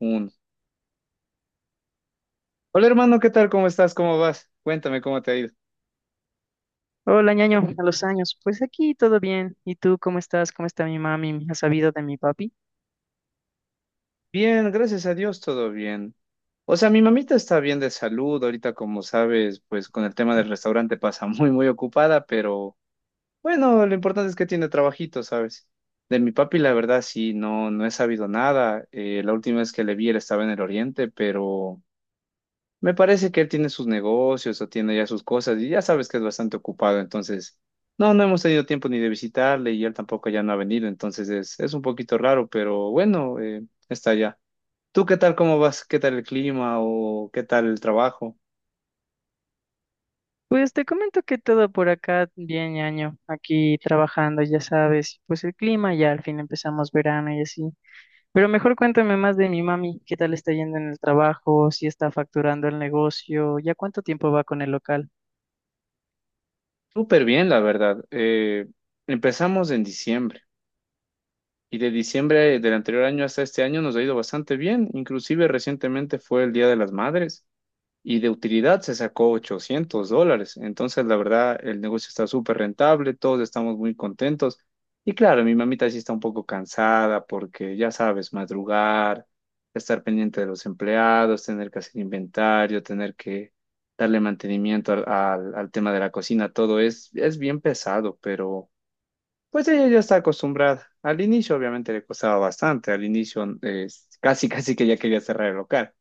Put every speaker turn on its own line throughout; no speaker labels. Uno. Hola hermano, ¿qué tal? ¿Cómo estás? ¿Cómo vas? Cuéntame cómo te ha ido.
Hola, ñaño, a los años. Pues aquí todo bien. ¿Y tú cómo estás? ¿Cómo está mi mami? ¿Has sabido de mi papi?
Bien, gracias a Dios, todo bien. O sea, mi mamita está bien de salud, ahorita como sabes, pues con el tema del restaurante pasa muy, muy ocupada, pero bueno, lo importante es que tiene trabajito, ¿sabes? De mi papi, la verdad, sí, no he sabido nada. La última vez que le vi, él estaba en el oriente, pero. Me parece que él tiene sus negocios o tiene ya sus cosas y ya sabes que es bastante ocupado, entonces no hemos tenido tiempo ni de visitarle y él tampoco ya no ha venido, entonces es un poquito raro, pero bueno, está ya. ¿Tú qué tal, cómo vas? ¿Qué tal el clima o qué tal el trabajo?
Pues te comento que todo por acá bien, ñaño. Aquí trabajando, ya sabes. Pues el clima ya al fin empezamos verano y así. Pero mejor cuéntame más de mi mami. ¿Qué tal está yendo en el trabajo? ¿Si está facturando el negocio? ¿Ya cuánto tiempo va con el local?
Súper bien, la verdad. Empezamos en diciembre y de diciembre del anterior año hasta este año nos ha ido bastante bien, inclusive recientemente fue el Día de las Madres. Y de utilidad se sacó $800. Entonces, la verdad, el negocio está súper rentable, todos estamos muy contentos. Y claro, mi mamita sí está un poco cansada porque, ya sabes, madrugar, estar pendiente de los empleados, tener que hacer inventario, tener que darle mantenimiento al tema de la cocina, todo es bien pesado, pero pues ella ya está acostumbrada. Al inicio, obviamente, le costaba bastante. Al inicio, casi, casi que ya quería cerrar el local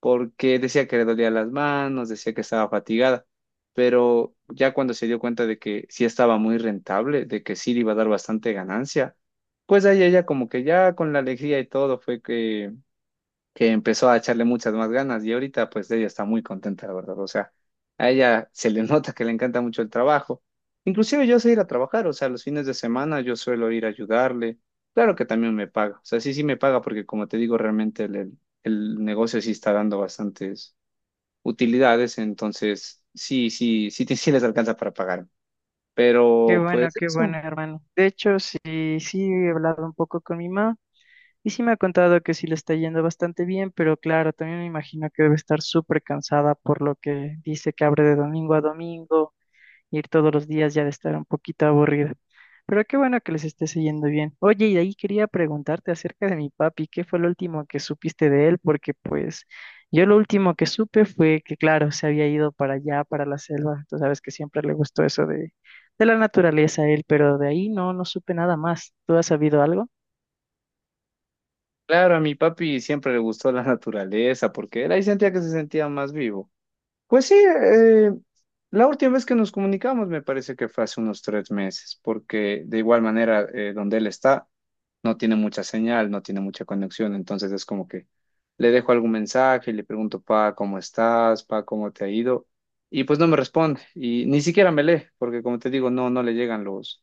porque decía que le dolía las manos, decía que estaba fatigada, pero ya cuando se dio cuenta de que sí estaba muy rentable, de que sí le iba a dar bastante ganancia, pues ahí ella como que ya con la alegría y todo fue que empezó a echarle muchas más ganas y ahorita pues ella está muy contenta, la verdad. O sea, a ella se le nota que le encanta mucho el trabajo. Inclusive yo sé ir a trabajar, o sea, los fines de semana yo suelo ir a ayudarle. Claro que también me paga, o sea, sí, sí me paga porque como te digo, realmente el negocio sí está dando bastantes utilidades, entonces sí, sí, sí, sí, sí les alcanza para pagar. Pero pues
Qué bueno,
eso,
hermano. De hecho, sí, sí he hablado un poco con mi mamá. Y sí me ha contado que sí le está yendo bastante bien, pero claro, también me imagino que debe estar súper cansada por lo que dice que abre de domingo a domingo, ir todos los días ya de estar un poquito aburrida. Pero qué bueno que les esté yendo bien. Oye, y de ahí quería preguntarte acerca de mi papi, ¿qué fue lo último que supiste de él? Porque pues yo lo último que supe fue que, claro, se había ido para allá, para la selva. Tú sabes que siempre le gustó eso de la naturaleza a él, pero de ahí no, no supe nada más. ¿Tú has sabido algo?
claro, a mi papi siempre le gustó la naturaleza porque él ahí sentía que se sentía más vivo. Pues sí, la última vez que nos comunicamos me parece que fue hace unos 3 meses, porque de igual manera donde él está no tiene mucha señal, no tiene mucha conexión, entonces es como que le dejo algún mensaje y le pregunto, pa, ¿cómo estás? Pa, ¿cómo te ha ido? Y pues no me responde y ni siquiera me lee, porque como te digo, no le llegan los,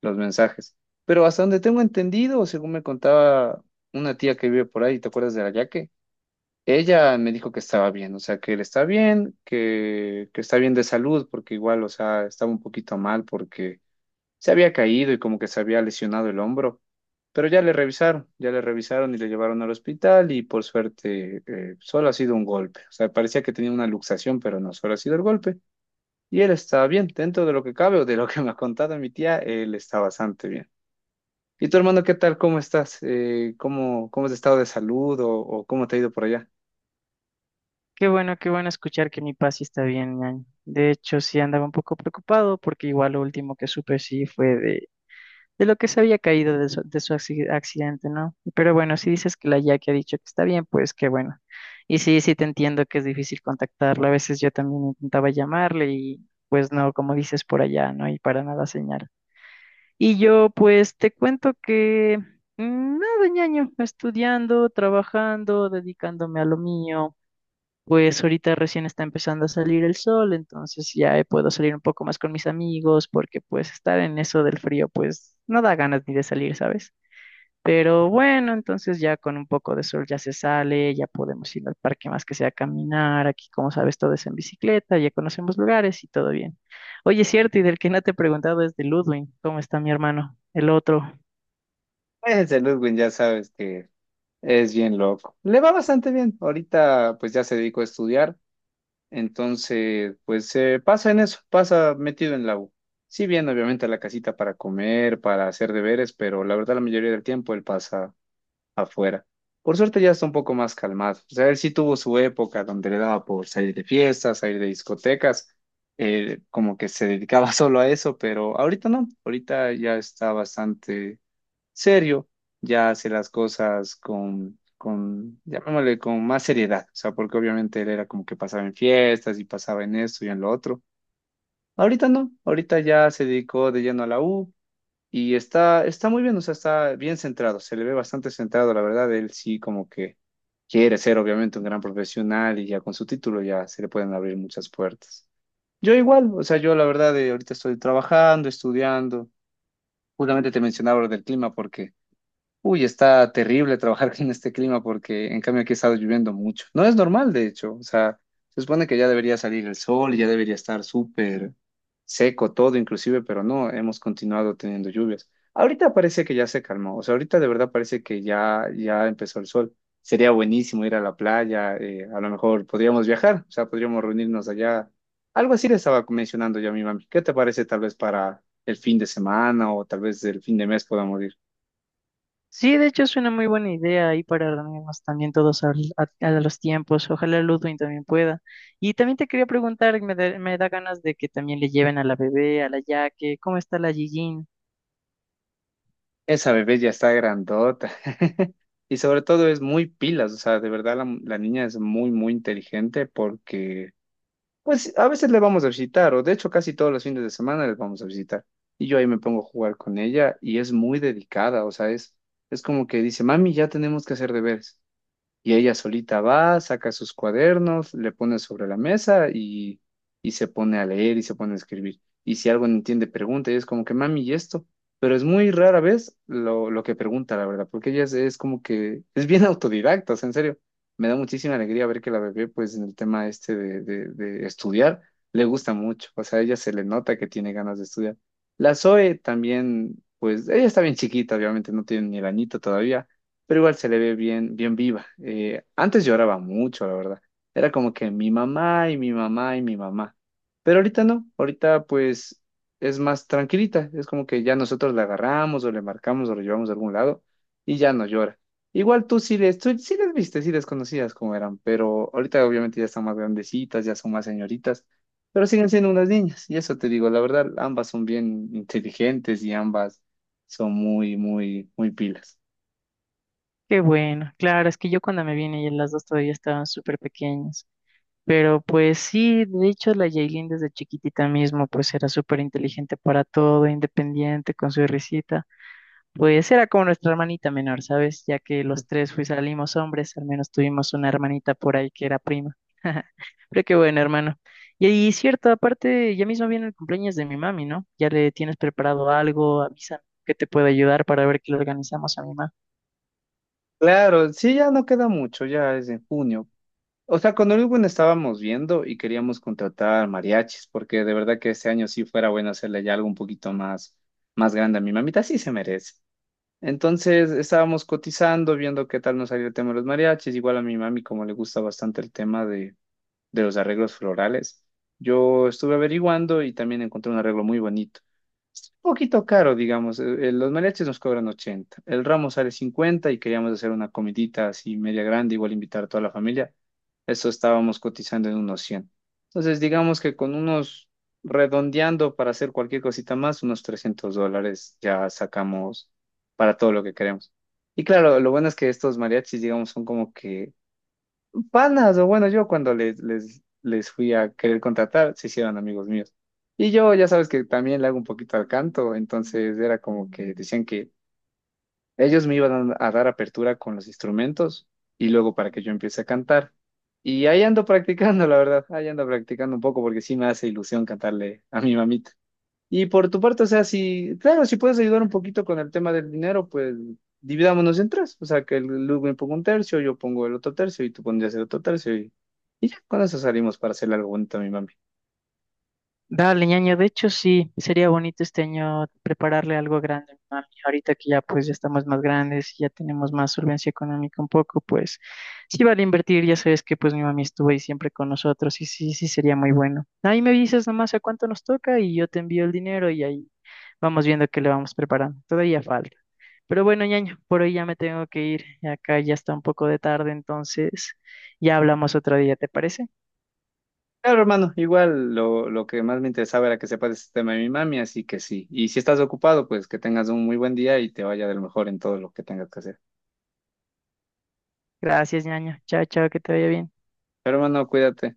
los mensajes. Pero hasta donde tengo entendido, según me contaba una tía que vive por ahí, ¿te acuerdas de la Yaque? Ella me dijo que estaba bien, o sea, que él está bien, que está bien de salud, porque igual, o sea, estaba un poquito mal porque se había caído y como que se había lesionado el hombro, pero ya le revisaron y le llevaron al hospital y por suerte solo ha sido un golpe, o sea, parecía que tenía una luxación, pero no, solo ha sido el golpe y él está bien, dentro de lo que cabe o de lo que me ha contado mi tía, él está bastante bien. ¿Y tu hermano qué tal? ¿Cómo estás? ¿Cómo es el estado de salud o cómo te ha ido por allá?
Qué bueno escuchar que mi Paz sí está bien, ñaño. De hecho, sí andaba un poco preocupado porque igual lo último que supe sí fue de lo que se había caído de su accidente, ¿no? Pero bueno, si dices que la Jackie ha dicho que está bien, pues qué bueno. Y sí, sí te entiendo que es difícil contactarla. A veces yo también intentaba llamarle y pues no, como dices por allá, ¿no? Y para nada señal. Y yo pues te cuento que nada, ñaño, estudiando, trabajando, dedicándome a lo mío. Pues ahorita recién está empezando a salir el sol, entonces ya puedo salir un poco más con mis amigos, porque pues estar en eso del frío, pues no da ganas ni de salir, ¿sabes? Pero bueno, entonces ya con un poco de sol ya se sale, ya podemos ir al parque más que sea a caminar, aquí como sabes todo es en bicicleta, ya conocemos lugares y todo bien. Oye, es cierto, y del que no te he preguntado es de Ludwig, ¿cómo está mi hermano? El otro.
Ese Ludwig ya sabes que es bien loco. Le va bastante bien. Ahorita pues ya se dedicó a estudiar, entonces pues se pasa en eso, pasa metido en la U. Sí bien, obviamente a la casita para comer, para hacer deberes, pero la verdad la mayoría del tiempo él pasa afuera. Por suerte ya está un poco más calmado. O sea, él sí tuvo su época donde le daba por salir de fiestas, salir de discotecas, como que se dedicaba solo a eso, pero ahorita no, ahorita ya está bastante serio, ya hace las cosas llamémosle, con más seriedad, o sea, porque obviamente él era como que pasaba en fiestas y pasaba en esto y en lo otro. Ahorita no, ahorita ya se dedicó de lleno a la U y está muy bien, o sea, está bien centrado, se le ve bastante centrado, la verdad, él sí como que quiere ser obviamente un gran profesional y ya con su título ya se le pueden abrir muchas puertas. Yo igual, o sea, yo la verdad, ahorita estoy trabajando, estudiando, justamente te mencionaba lo del clima porque. Uy, está terrible trabajar en este clima porque en cambio aquí ha estado lloviendo mucho. No es normal, de hecho. O sea, se supone que ya debería salir el sol y ya debería estar súper seco todo, inclusive, pero no, hemos continuado teniendo lluvias. Ahorita parece que ya se calmó. O sea, ahorita de verdad parece que ya empezó el sol. Sería buenísimo ir a la playa, a lo mejor podríamos viajar, o sea, podríamos reunirnos allá. Algo así le estaba mencionando yo a mi mami. ¿Qué te parece tal vez para el fin de semana o tal vez el fin de mes podamos ir?
Sí, de hecho es una muy buena idea ahí para reunirnos también todos a los tiempos. Ojalá Ludwig también pueda. Y también te quería preguntar, me da ganas de que también le lleven a la bebé, a la Yaque, ¿cómo está la Gigin?
Esa bebé ya está grandota. Y sobre todo es muy pilas, o sea, de verdad la niña es muy, muy inteligente porque, pues, a veces le vamos a visitar, o de hecho casi todos los fines de semana les vamos a visitar. Y yo ahí me pongo a jugar con ella y es muy dedicada, o sea, es como que dice, mami, ya tenemos que hacer deberes. Y ella solita va, saca sus cuadernos, le pone sobre la mesa y se pone a leer y se pone a escribir. Y si algo no entiende, pregunta. Y es como que, mami, ¿y esto? Pero es muy rara vez lo que pregunta, la verdad, porque ella es como que es bien autodidacta, o sea, en serio. Me da muchísima alegría ver que la bebé, pues en el tema este de estudiar, le gusta mucho. O sea, a ella se le nota que tiene ganas de estudiar. La Zoe también, pues ella está bien chiquita, obviamente no tiene ni el añito todavía pero igual se le ve bien, bien viva. Antes lloraba mucho, la verdad. Era como que mi mamá y mi mamá y mi mamá. Pero ahorita no, ahorita pues es más tranquilita. Es como que ya nosotros la agarramos o le marcamos o lo llevamos a algún lado y ya no llora. Igual tú sí les viste, sí les conocías como eran, pero ahorita obviamente ya están más grandecitas, ya son más señoritas, pero siguen siendo unas niñas. Y eso te digo, la verdad, ambas son bien inteligentes y ambas son muy, muy, muy pilas.
Qué bueno, claro, es que yo cuando me vine y las dos todavía estaban súper pequeñas. Pero pues sí, de hecho la Yailin desde chiquitita mismo pues era súper inteligente para todo, independiente con su risita. Pues era como nuestra hermanita menor, ¿sabes? Ya que los tres fui salimos hombres, al menos tuvimos una hermanita por ahí que era prima. Pero qué bueno, hermano. Y cierto, aparte, ya mismo viene el cumpleaños de mi mami, ¿no? Ya le tienes preparado algo, avísame que te puedo ayudar para ver qué le organizamos a mi mami.
Claro, sí, ya no queda mucho, ya es en junio. O sea, con Urban estábamos viendo y queríamos contratar mariachis, porque de verdad que este año sí fuera bueno hacerle ya algo un poquito más grande a mi mamita, sí se merece. Entonces estábamos cotizando, viendo qué tal nos salía el tema de los mariachis. Igual a mi mami, como le gusta bastante el tema de los arreglos florales, yo estuve averiguando y también encontré un arreglo muy bonito poquito caro, digamos. Los mariachis nos cobran 80. El ramo sale 50 y queríamos hacer una comidita así media grande, igual invitar a toda la familia. Eso estábamos cotizando en unos 100. Entonces, digamos que con unos, redondeando para hacer cualquier cosita más, unos $300 ya sacamos para todo lo que queremos. Y claro, lo bueno es que estos mariachis, digamos, son como que panas, o bueno, yo cuando les fui a querer contratar, se hicieron amigos míos. Y yo ya sabes que también le hago un poquito al canto, entonces era como que decían que ellos me iban a dar apertura con los instrumentos y luego para que yo empiece a cantar. Y ahí ando practicando, la verdad, ahí ando practicando un poco porque sí me hace ilusión cantarle a mi mamita. Y por tu parte, o sea, claro, si puedes ayudar un poquito con el tema del dinero, pues dividámonos en tres. O sea, que el Luke me ponga un tercio, yo pongo el otro tercio y tú pondrías el otro tercio y ya, con eso salimos para hacerle algo bonito a mi mami.
Dale, ñaño, de hecho sí, sería bonito este año prepararle algo grande a mi mami. Ahorita que ya pues ya estamos más grandes, ya tenemos más solvencia económica un poco, pues sí vale invertir, ya sabes que pues mi mami estuvo ahí siempre con nosotros y sí, sí sería muy bueno. Ahí me avisas nomás a cuánto nos toca y yo te envío el dinero y ahí vamos viendo qué le vamos preparando. Todavía falta. Pero bueno, ñaño, por hoy ya me tengo que ir, acá ya está un poco de tarde, entonces ya hablamos otro día, ¿te parece?
Claro, hermano, igual lo que más me interesaba era que sepas este tema de mi mami, así que sí. Y si estás ocupado, pues que tengas un muy buen día y te vaya del mejor en todo lo que tengas que hacer.
Gracias, ñaño. Chao, chao, que te vaya bien.
Pero, hermano, cuídate.